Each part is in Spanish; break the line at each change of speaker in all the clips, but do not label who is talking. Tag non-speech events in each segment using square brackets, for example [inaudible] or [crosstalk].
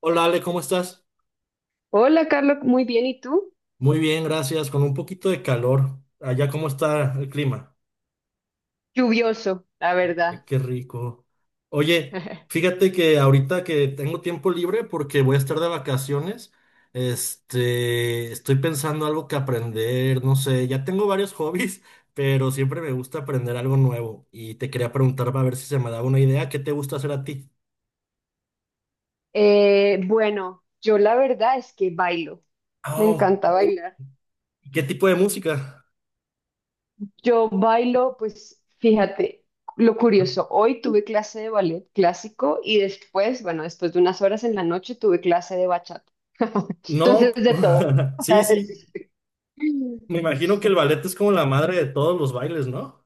Hola Ale, ¿cómo estás?
Hola, Carlos, muy bien. ¿Y tú?
Muy bien, gracias. Con un poquito de calor. Allá, ¿cómo está el clima?
Lluvioso, la
Ay,
verdad.
qué rico. Oye,
[laughs]
fíjate que ahorita que tengo tiempo libre porque voy a estar de vacaciones, estoy pensando algo que aprender, no sé, ya tengo varios [laughs] hobbies, pero siempre me gusta aprender algo nuevo y te quería preguntar para ver si se me daba una idea, ¿qué te gusta hacer a ti?
Bueno, yo la verdad es que bailo. Me
Oh,
encanta bailar.
¿qué tipo de música?
Yo bailo, pues fíjate, lo curioso, hoy tuve clase de ballet clásico y después, bueno, después de unas horas en la noche tuve clase de bachata. [laughs]
No,
Entonces, de todo.
[laughs] sí,
[laughs]
sí. Me imagino que el ballet es como la madre de todos los bailes, ¿no?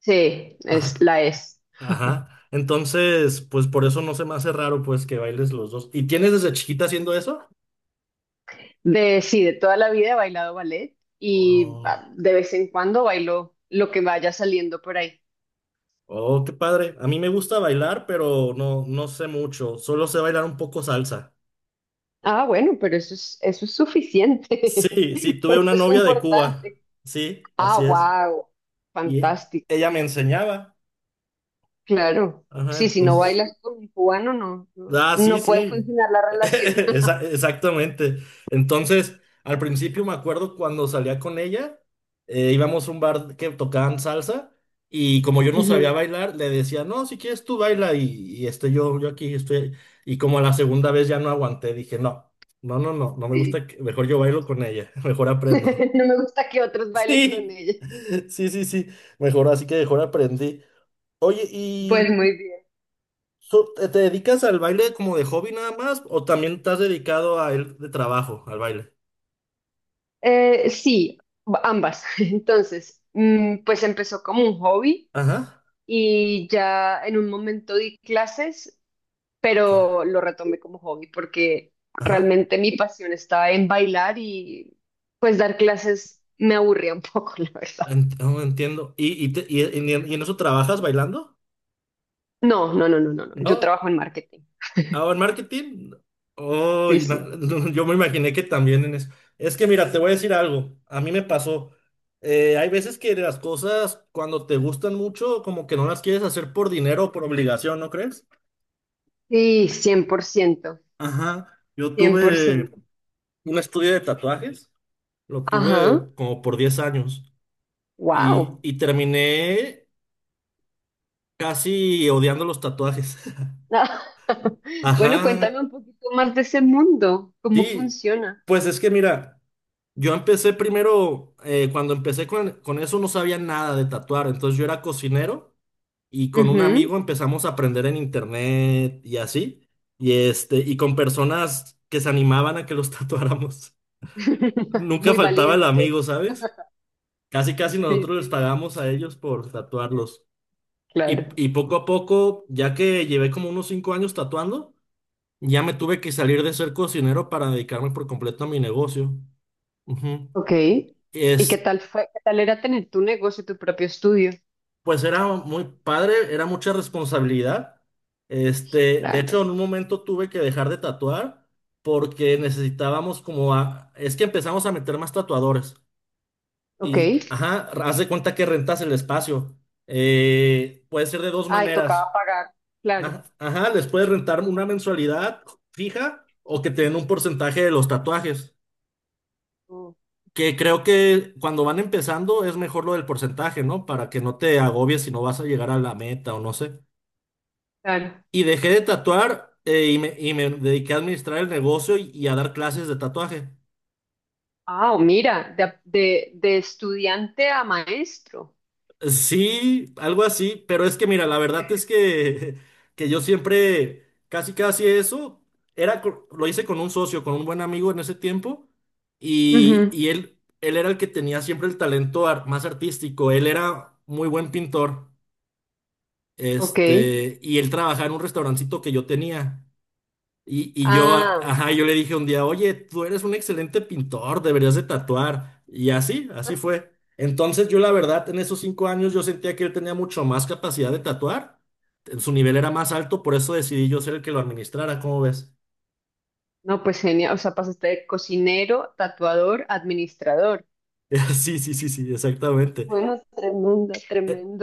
Sí, es
Ajá,
la es.
ajá. Entonces, pues por eso no se me hace raro, pues, que bailes los dos. ¿Y tienes desde chiquita haciendo eso?
Sí, de toda la vida he bailado ballet y
Oh,
de vez en cuando bailo lo que vaya saliendo por ahí.
oh, qué padre. A mí me gusta bailar, pero no, no sé mucho. Solo sé bailar un poco salsa.
Ah, bueno, pero eso es suficiente.
Sí, sí,
[laughs]
tuve una
Eso es
novia de Cuba.
importante.
Sí,
Ah,
así es.
wow.
Y ella
Fantástico.
me enseñaba.
Claro.
Ajá,
Sí, si no
entonces.
bailas con un cubano, no, no,
Ah, sí,
no puede
sí.
funcionar la
[laughs]
relación. [laughs]
Exactamente. Entonces, al principio me acuerdo cuando salía con ella, íbamos a un bar que tocaban salsa y como yo no sabía
Ujú.
bailar, le decía, no, si quieres tú baila y yo aquí estoy. Y como a la segunda vez ya no aguanté, dije, no, no, no, no, no me gusta,
Sí.
mejor yo bailo con ella, [laughs] mejor aprendo. [laughs]
[laughs] No me gusta que otros bailen con
Sí,
ella.
sí, sí, sí, mejor así que mejor aprendí. Oye,
Pues muy bien.
So, ¿te dedicas al baile como de hobby nada más? ¿O también estás dedicado a él de trabajo, al baile?
Sí, ambas. [laughs] Entonces, pues empezó como un hobby
Ajá.
y ya en un momento di clases,
Ok,
pero lo retomé como hobby porque
ajá.
realmente mi pasión estaba en bailar y pues dar clases me aburría un poco, [laughs] la verdad.
Oh, entiendo. ¿Y en eso trabajas bailando?
No, no, no, no, no, no. Yo
¿No?
trabajo en marketing.
¿Ah, en marketing? Oh,
Sí, sí.
[laughs] yo me imaginé que también en eso. Es que mira, te voy a decir algo. A mí me pasó. Hay veces que las cosas, cuando te gustan mucho, como que no las quieres hacer por dinero o por obligación, ¿no crees?
Sí, cien por ciento,
Ajá. Yo
cien por
tuve
ciento
un estudio de tatuajes. Lo
Ajá,
tuve como por 10 años y,
wow.
y terminé casi odiando los tatuajes. [laughs]
[laughs] Bueno,
Ajá.
cuéntame un poquito más de ese mundo, cómo
Sí,
funciona.
pues es que mira, yo empecé primero, cuando empecé con eso no sabía nada de tatuar, entonces yo era cocinero y con un
Ujú.
amigo empezamos a aprender en internet y así, y con personas que se animaban a que los [laughs] tatuáramos.
[laughs]
Nunca
Muy
faltaba el amigo,
valientes.
¿sabes? Casi casi
Sí,
nosotros les
sí,
pagamos a ellos por tatuarlos. Y,
claro.
y poco a poco, ya que llevé como unos 5 años tatuando, ya me tuve que salir de ser cocinero para dedicarme por completo a mi negocio. Ujú.
Ok. ¿Y qué
Es,
tal fue? ¿Qué tal era tener tu negocio, tu propio estudio?
pues era muy padre, era mucha responsabilidad. De hecho,
Claro.
en un momento tuve que dejar de tatuar porque necesitábamos es que empezamos a meter más tatuadores.
Ok.
Ajá, haz de cuenta que rentas el espacio. Puede ser de dos
Ay, tocaba
maneras.
pagar. Claro.
Ajá, ajá, les puedes rentar una mensualidad fija o que te den un porcentaje de los tatuajes.
Mm,
Que creo que cuando van empezando es mejor lo del porcentaje, ¿no? Para que no te agobies si no vas a llegar a la meta o no sé.
claro.
Y dejé de tatuar y me dediqué a administrar el negocio y a dar clases de tatuaje.
Ah, mira, de estudiante a maestro.
Sí, algo así, pero es que mira, la verdad es que, [laughs] que yo siempre, casi casi eso, lo hice con un socio, con un buen amigo en ese tiempo, y,
Ujú.
y él era el que tenía siempre el talento más artístico, él era muy buen pintor,
Ok.
y él trabajaba en un restaurancito que yo tenía. Y yo,
Ah,
ajá, yo le dije un día, oye, tú eres un excelente pintor, deberías de tatuar. Y así, así fue. Entonces yo la verdad, en esos 5 años yo sentía que él tenía mucho más capacidad de tatuar. Su nivel era más alto, por eso decidí yo ser el que lo administrara, ¿cómo ves?
no, pues genial. O sea, pasaste de cocinero, tatuador, administrador.
[laughs] Sí, sí, sí, sí, exactamente.
Bueno, tremendo,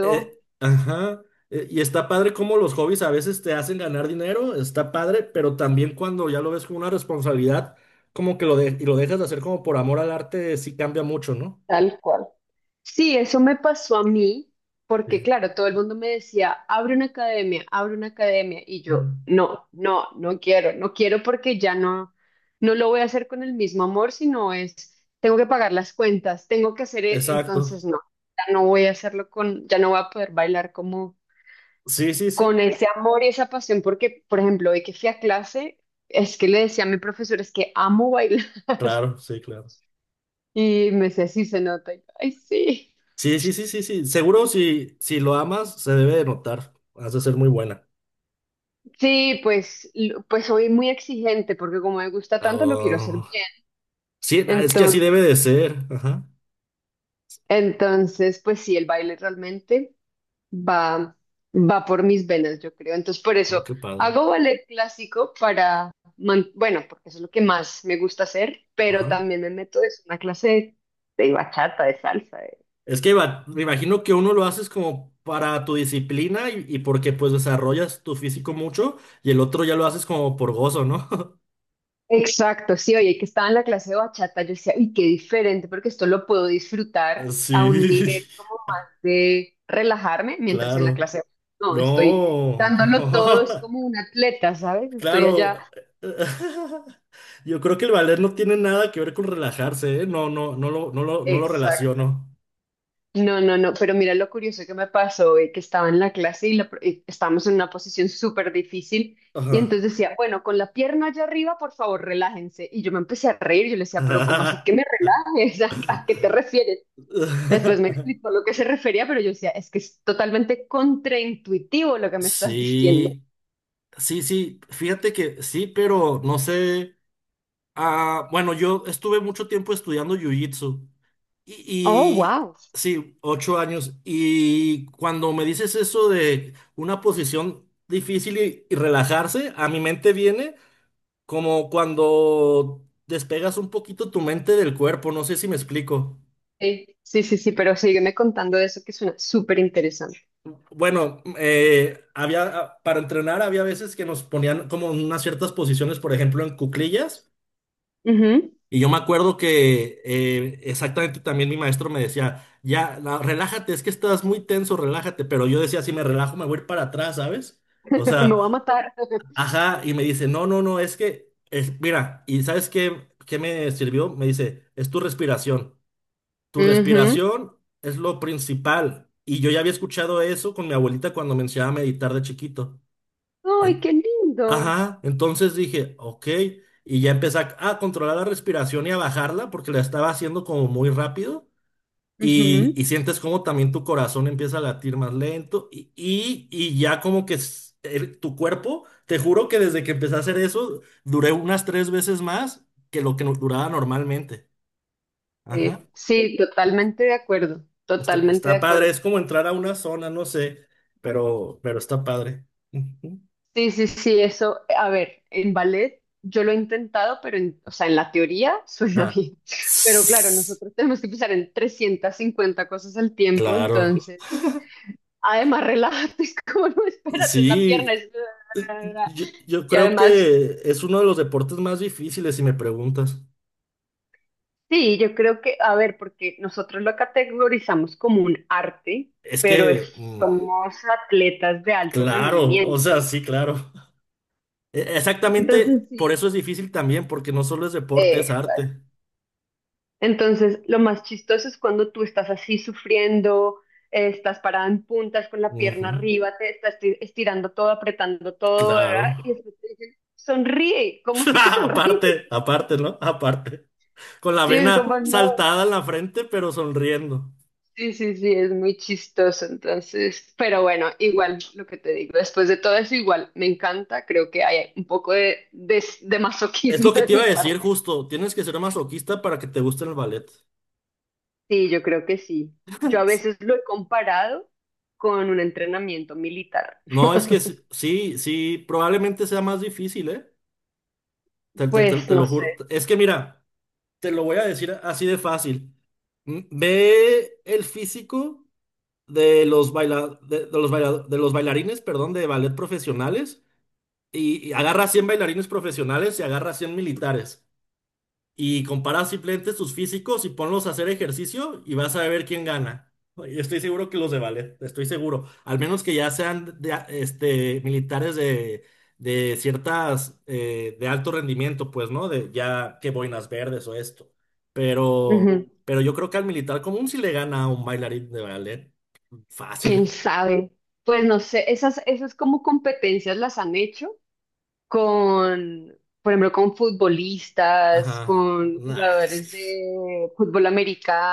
Ajá. Y está padre cómo los hobbies a veces te hacen ganar dinero, está padre, pero también cuando ya lo ves como una responsabilidad, como que lo, y lo dejas de hacer como por amor al arte, sí cambia mucho, ¿no?
Tal cual. Sí, eso me pasó a mí, porque claro, todo el mundo me decía, abre una academia, y yo,
Mm.
no, no, no quiero, no quiero porque ya no, no lo voy a hacer con el mismo amor, sino es, tengo que pagar las cuentas, tengo que hacer,
Exacto.
entonces no, ya no voy a hacerlo con, ya no voy a poder bailar como
Sí, sí, sí.
con ese amor y esa pasión, porque, por ejemplo, hoy que fui a clase, es que le decía a mi profesor, es que amo bailar, [laughs]
Claro, sí, claro.
y me decía, sí, se nota, y yo, ay, sí.
Sí, sí, sí, sí, sí. Seguro si, lo amas, se debe de notar. Has de ser muy buena.
Sí, pues, pues soy muy exigente porque como me gusta tanto lo quiero hacer
Ah,
bien.
sí, ah, es que así debe de
Entonces,
ser. Ajá.
pues sí, el baile realmente va, va por mis venas, yo creo. Entonces, por
Oh,
eso
qué padre.
hago ballet clásico para, bueno, porque eso es lo que más me gusta hacer, pero
Ajá.
también me meto es una clase de, bachata, de salsa.
Es que me imagino que uno lo haces como para tu disciplina y porque pues desarrollas tu físico mucho y el otro ya lo haces como por gozo, ¿no? [laughs]
Exacto, sí, oye, que estaba en la clase de bachata, yo decía, uy, qué diferente, porque esto lo puedo disfrutar a un
Sí,
nivel como más de relajarme,
[laughs]
mientras en la
claro.
clase de no, estoy
No.
dándolo todo, es como
[laughs]
un atleta, ¿sabes? Estoy allá.
Claro, [laughs] yo creo que el valer no tiene nada que ver con relajarse, ¿eh? No, no, no lo
Exacto.
relaciono.
No, no, no, pero mira lo curioso que me pasó, que estaba en la clase y, y estábamos en una posición súper difícil, y
Ajá.
entonces decía, bueno, con la pierna allá arriba, por favor, relájense. Y yo me empecé a reír, yo le decía, pero ¿cómo así que me
[laughs]
relajes? [laughs] ¿A qué te refieres? Después me explicó lo que se refería, pero yo decía, es que es totalmente contraintuitivo lo que me estás [laughs] diciendo.
Sí, sí, sí, fíjate que sí, pero no sé. Ah, bueno, yo estuve mucho tiempo estudiando jiu-jitsu y,
Oh,
y
wow.
sí, 8 años. Y cuando me dices eso de una posición difícil y relajarse, a mi mente viene. Como cuando despegas un poquito tu mente del cuerpo, no sé si me explico.
Sí, sí, sí, sí, pero sígueme contando de eso que suena súper interesante.
Bueno, para entrenar había veces que nos ponían como en unas ciertas posiciones, por ejemplo, en cuclillas.
Ujú.
Y yo me acuerdo que exactamente también mi maestro me decía, ya, relájate, es que estás muy tenso, relájate. Pero yo decía, si me relajo, me voy a ir para atrás, ¿sabes? O
[laughs] Me va a
sea,
matar.
ajá, y me dice, no, no, no, es que, mira, ¿y sabes qué me sirvió? Me dice, es tu respiración. Tu
Ujú.
respiración es lo principal. Y yo ya había escuchado eso con mi abuelita cuando me enseñaba a meditar de chiquito.
Ay,
En-
qué lindo.
ajá, entonces dije, ok. Y ya empecé a controlar la respiración y a bajarla porque la estaba haciendo como muy rápido. Y,
Ujú.
y sientes como también tu corazón empieza a latir más lento. Y ya como que tu cuerpo, te juro que desde que empecé a hacer eso, duré unas 3 veces más que lo que duraba normalmente. Ajá.
Sí, sí, totalmente de acuerdo,
Está,
totalmente de
está padre,
acuerdo.
es como entrar a una zona, no sé, pero está padre. Ujú.
Sí, sí, sí, eso, a ver, en ballet yo lo he intentado, pero en, o sea, en la teoría suena
Ah.
bien, [laughs] pero claro,
Sss,
nosotros tenemos que pensar en 350 cosas al tiempo,
Claro,
entonces, además, relájate, [laughs] es como, no, espérate, la
sí,
pierna es...
eh,
[laughs]
yo
Y
creo
además,
que es uno de los deportes más difíciles, si me preguntas.
sí, yo creo que, a ver, porque nosotros lo categorizamos como un arte,
Es
pero
que,
somos atletas de alto
claro, o
rendimiento,
sea, sí, claro.
entonces
Exactamente, por
sí.
eso es difícil también, porque no solo es deporte, es
eh,
arte.
Entonces, lo más chistoso es cuando tú estás así sufriendo, estás parada en puntas con la
Ujú,
pierna arriba, te estás estirando todo, apretando todo, ¿verdad?
claro.
Y después te dicen, sonríe, ¿cómo
[laughs]
así que sonríe?
Aparte,
[laughs]
aparte, ¿no? Aparte. Con la
Sí, es como
vena
no.
saltada en la frente, pero sonriendo.
Sí, sí, sí, es muy chistoso, entonces, pero bueno, igual lo que te digo, después de todo eso, igual me encanta, creo que hay un poco de, de
Es
masoquismo
lo que
de
te iba
mi
a
parte.
decir justo, tienes que ser masoquista para que te guste el ballet.
Sí, yo creo que sí. Yo a veces lo he comparado con un entrenamiento militar.
No, es que sí, sí, sí, probablemente sea más difícil, ¿eh?
Pues
Te lo
no sé.
juro. Es que mira, te lo voy a decir así de fácil. Ve el físico de los bailarines, perdón, de ballet profesionales y agarra 100 bailarines profesionales y agarra 100 militares. Y compara simplemente sus físicos y ponlos a hacer ejercicio y vas a ver quién gana. Y estoy seguro que los de ballet, estoy seguro. Al menos que ya sean militares de ciertas, de alto rendimiento, pues, ¿no? De ya que boinas verdes o esto.
Ujú.
Pero yo creo que al militar común sí le gana a un bailarín de ballet. Fácil.
¿Quién sabe? Pues no sé, esas, esas como competencias las han hecho con, por ejemplo, con
Ajá.
futbolistas, con
Nah.
jugadores
[laughs]
de fútbol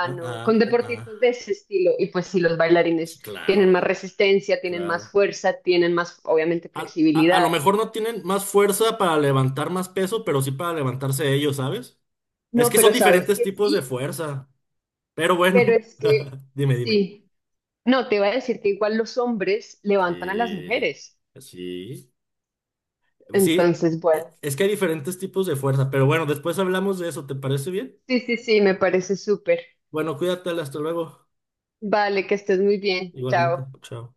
Ah,
con
ah, ah,
deportistas de
ah.
ese estilo. Y pues sí, los
Sí,
bailarines tienen más
claro,
resistencia, tienen más
claro.
fuerza, tienen más, obviamente,
A, a lo
flexibilidad.
mejor no tienen más fuerza para levantar más peso, pero sí para levantarse ellos, ¿sabes? Es
No,
que son
pero sabes
diferentes
que
tipos de
sí,
fuerza. Pero
pero
bueno,
es que
[laughs] dime, dime.
sí. No, te iba a decir que igual los hombres levantan a las
Sí,
mujeres.
sí. Sí,
Entonces, bueno,
es que hay diferentes tipos de fuerza. Pero bueno, después hablamos de eso, ¿te parece bien?
sí, sí, sí, me parece súper.
Bueno, cuídate, hasta luego.
Vale, que estés muy bien.
Igualmente,
Chao.
chao.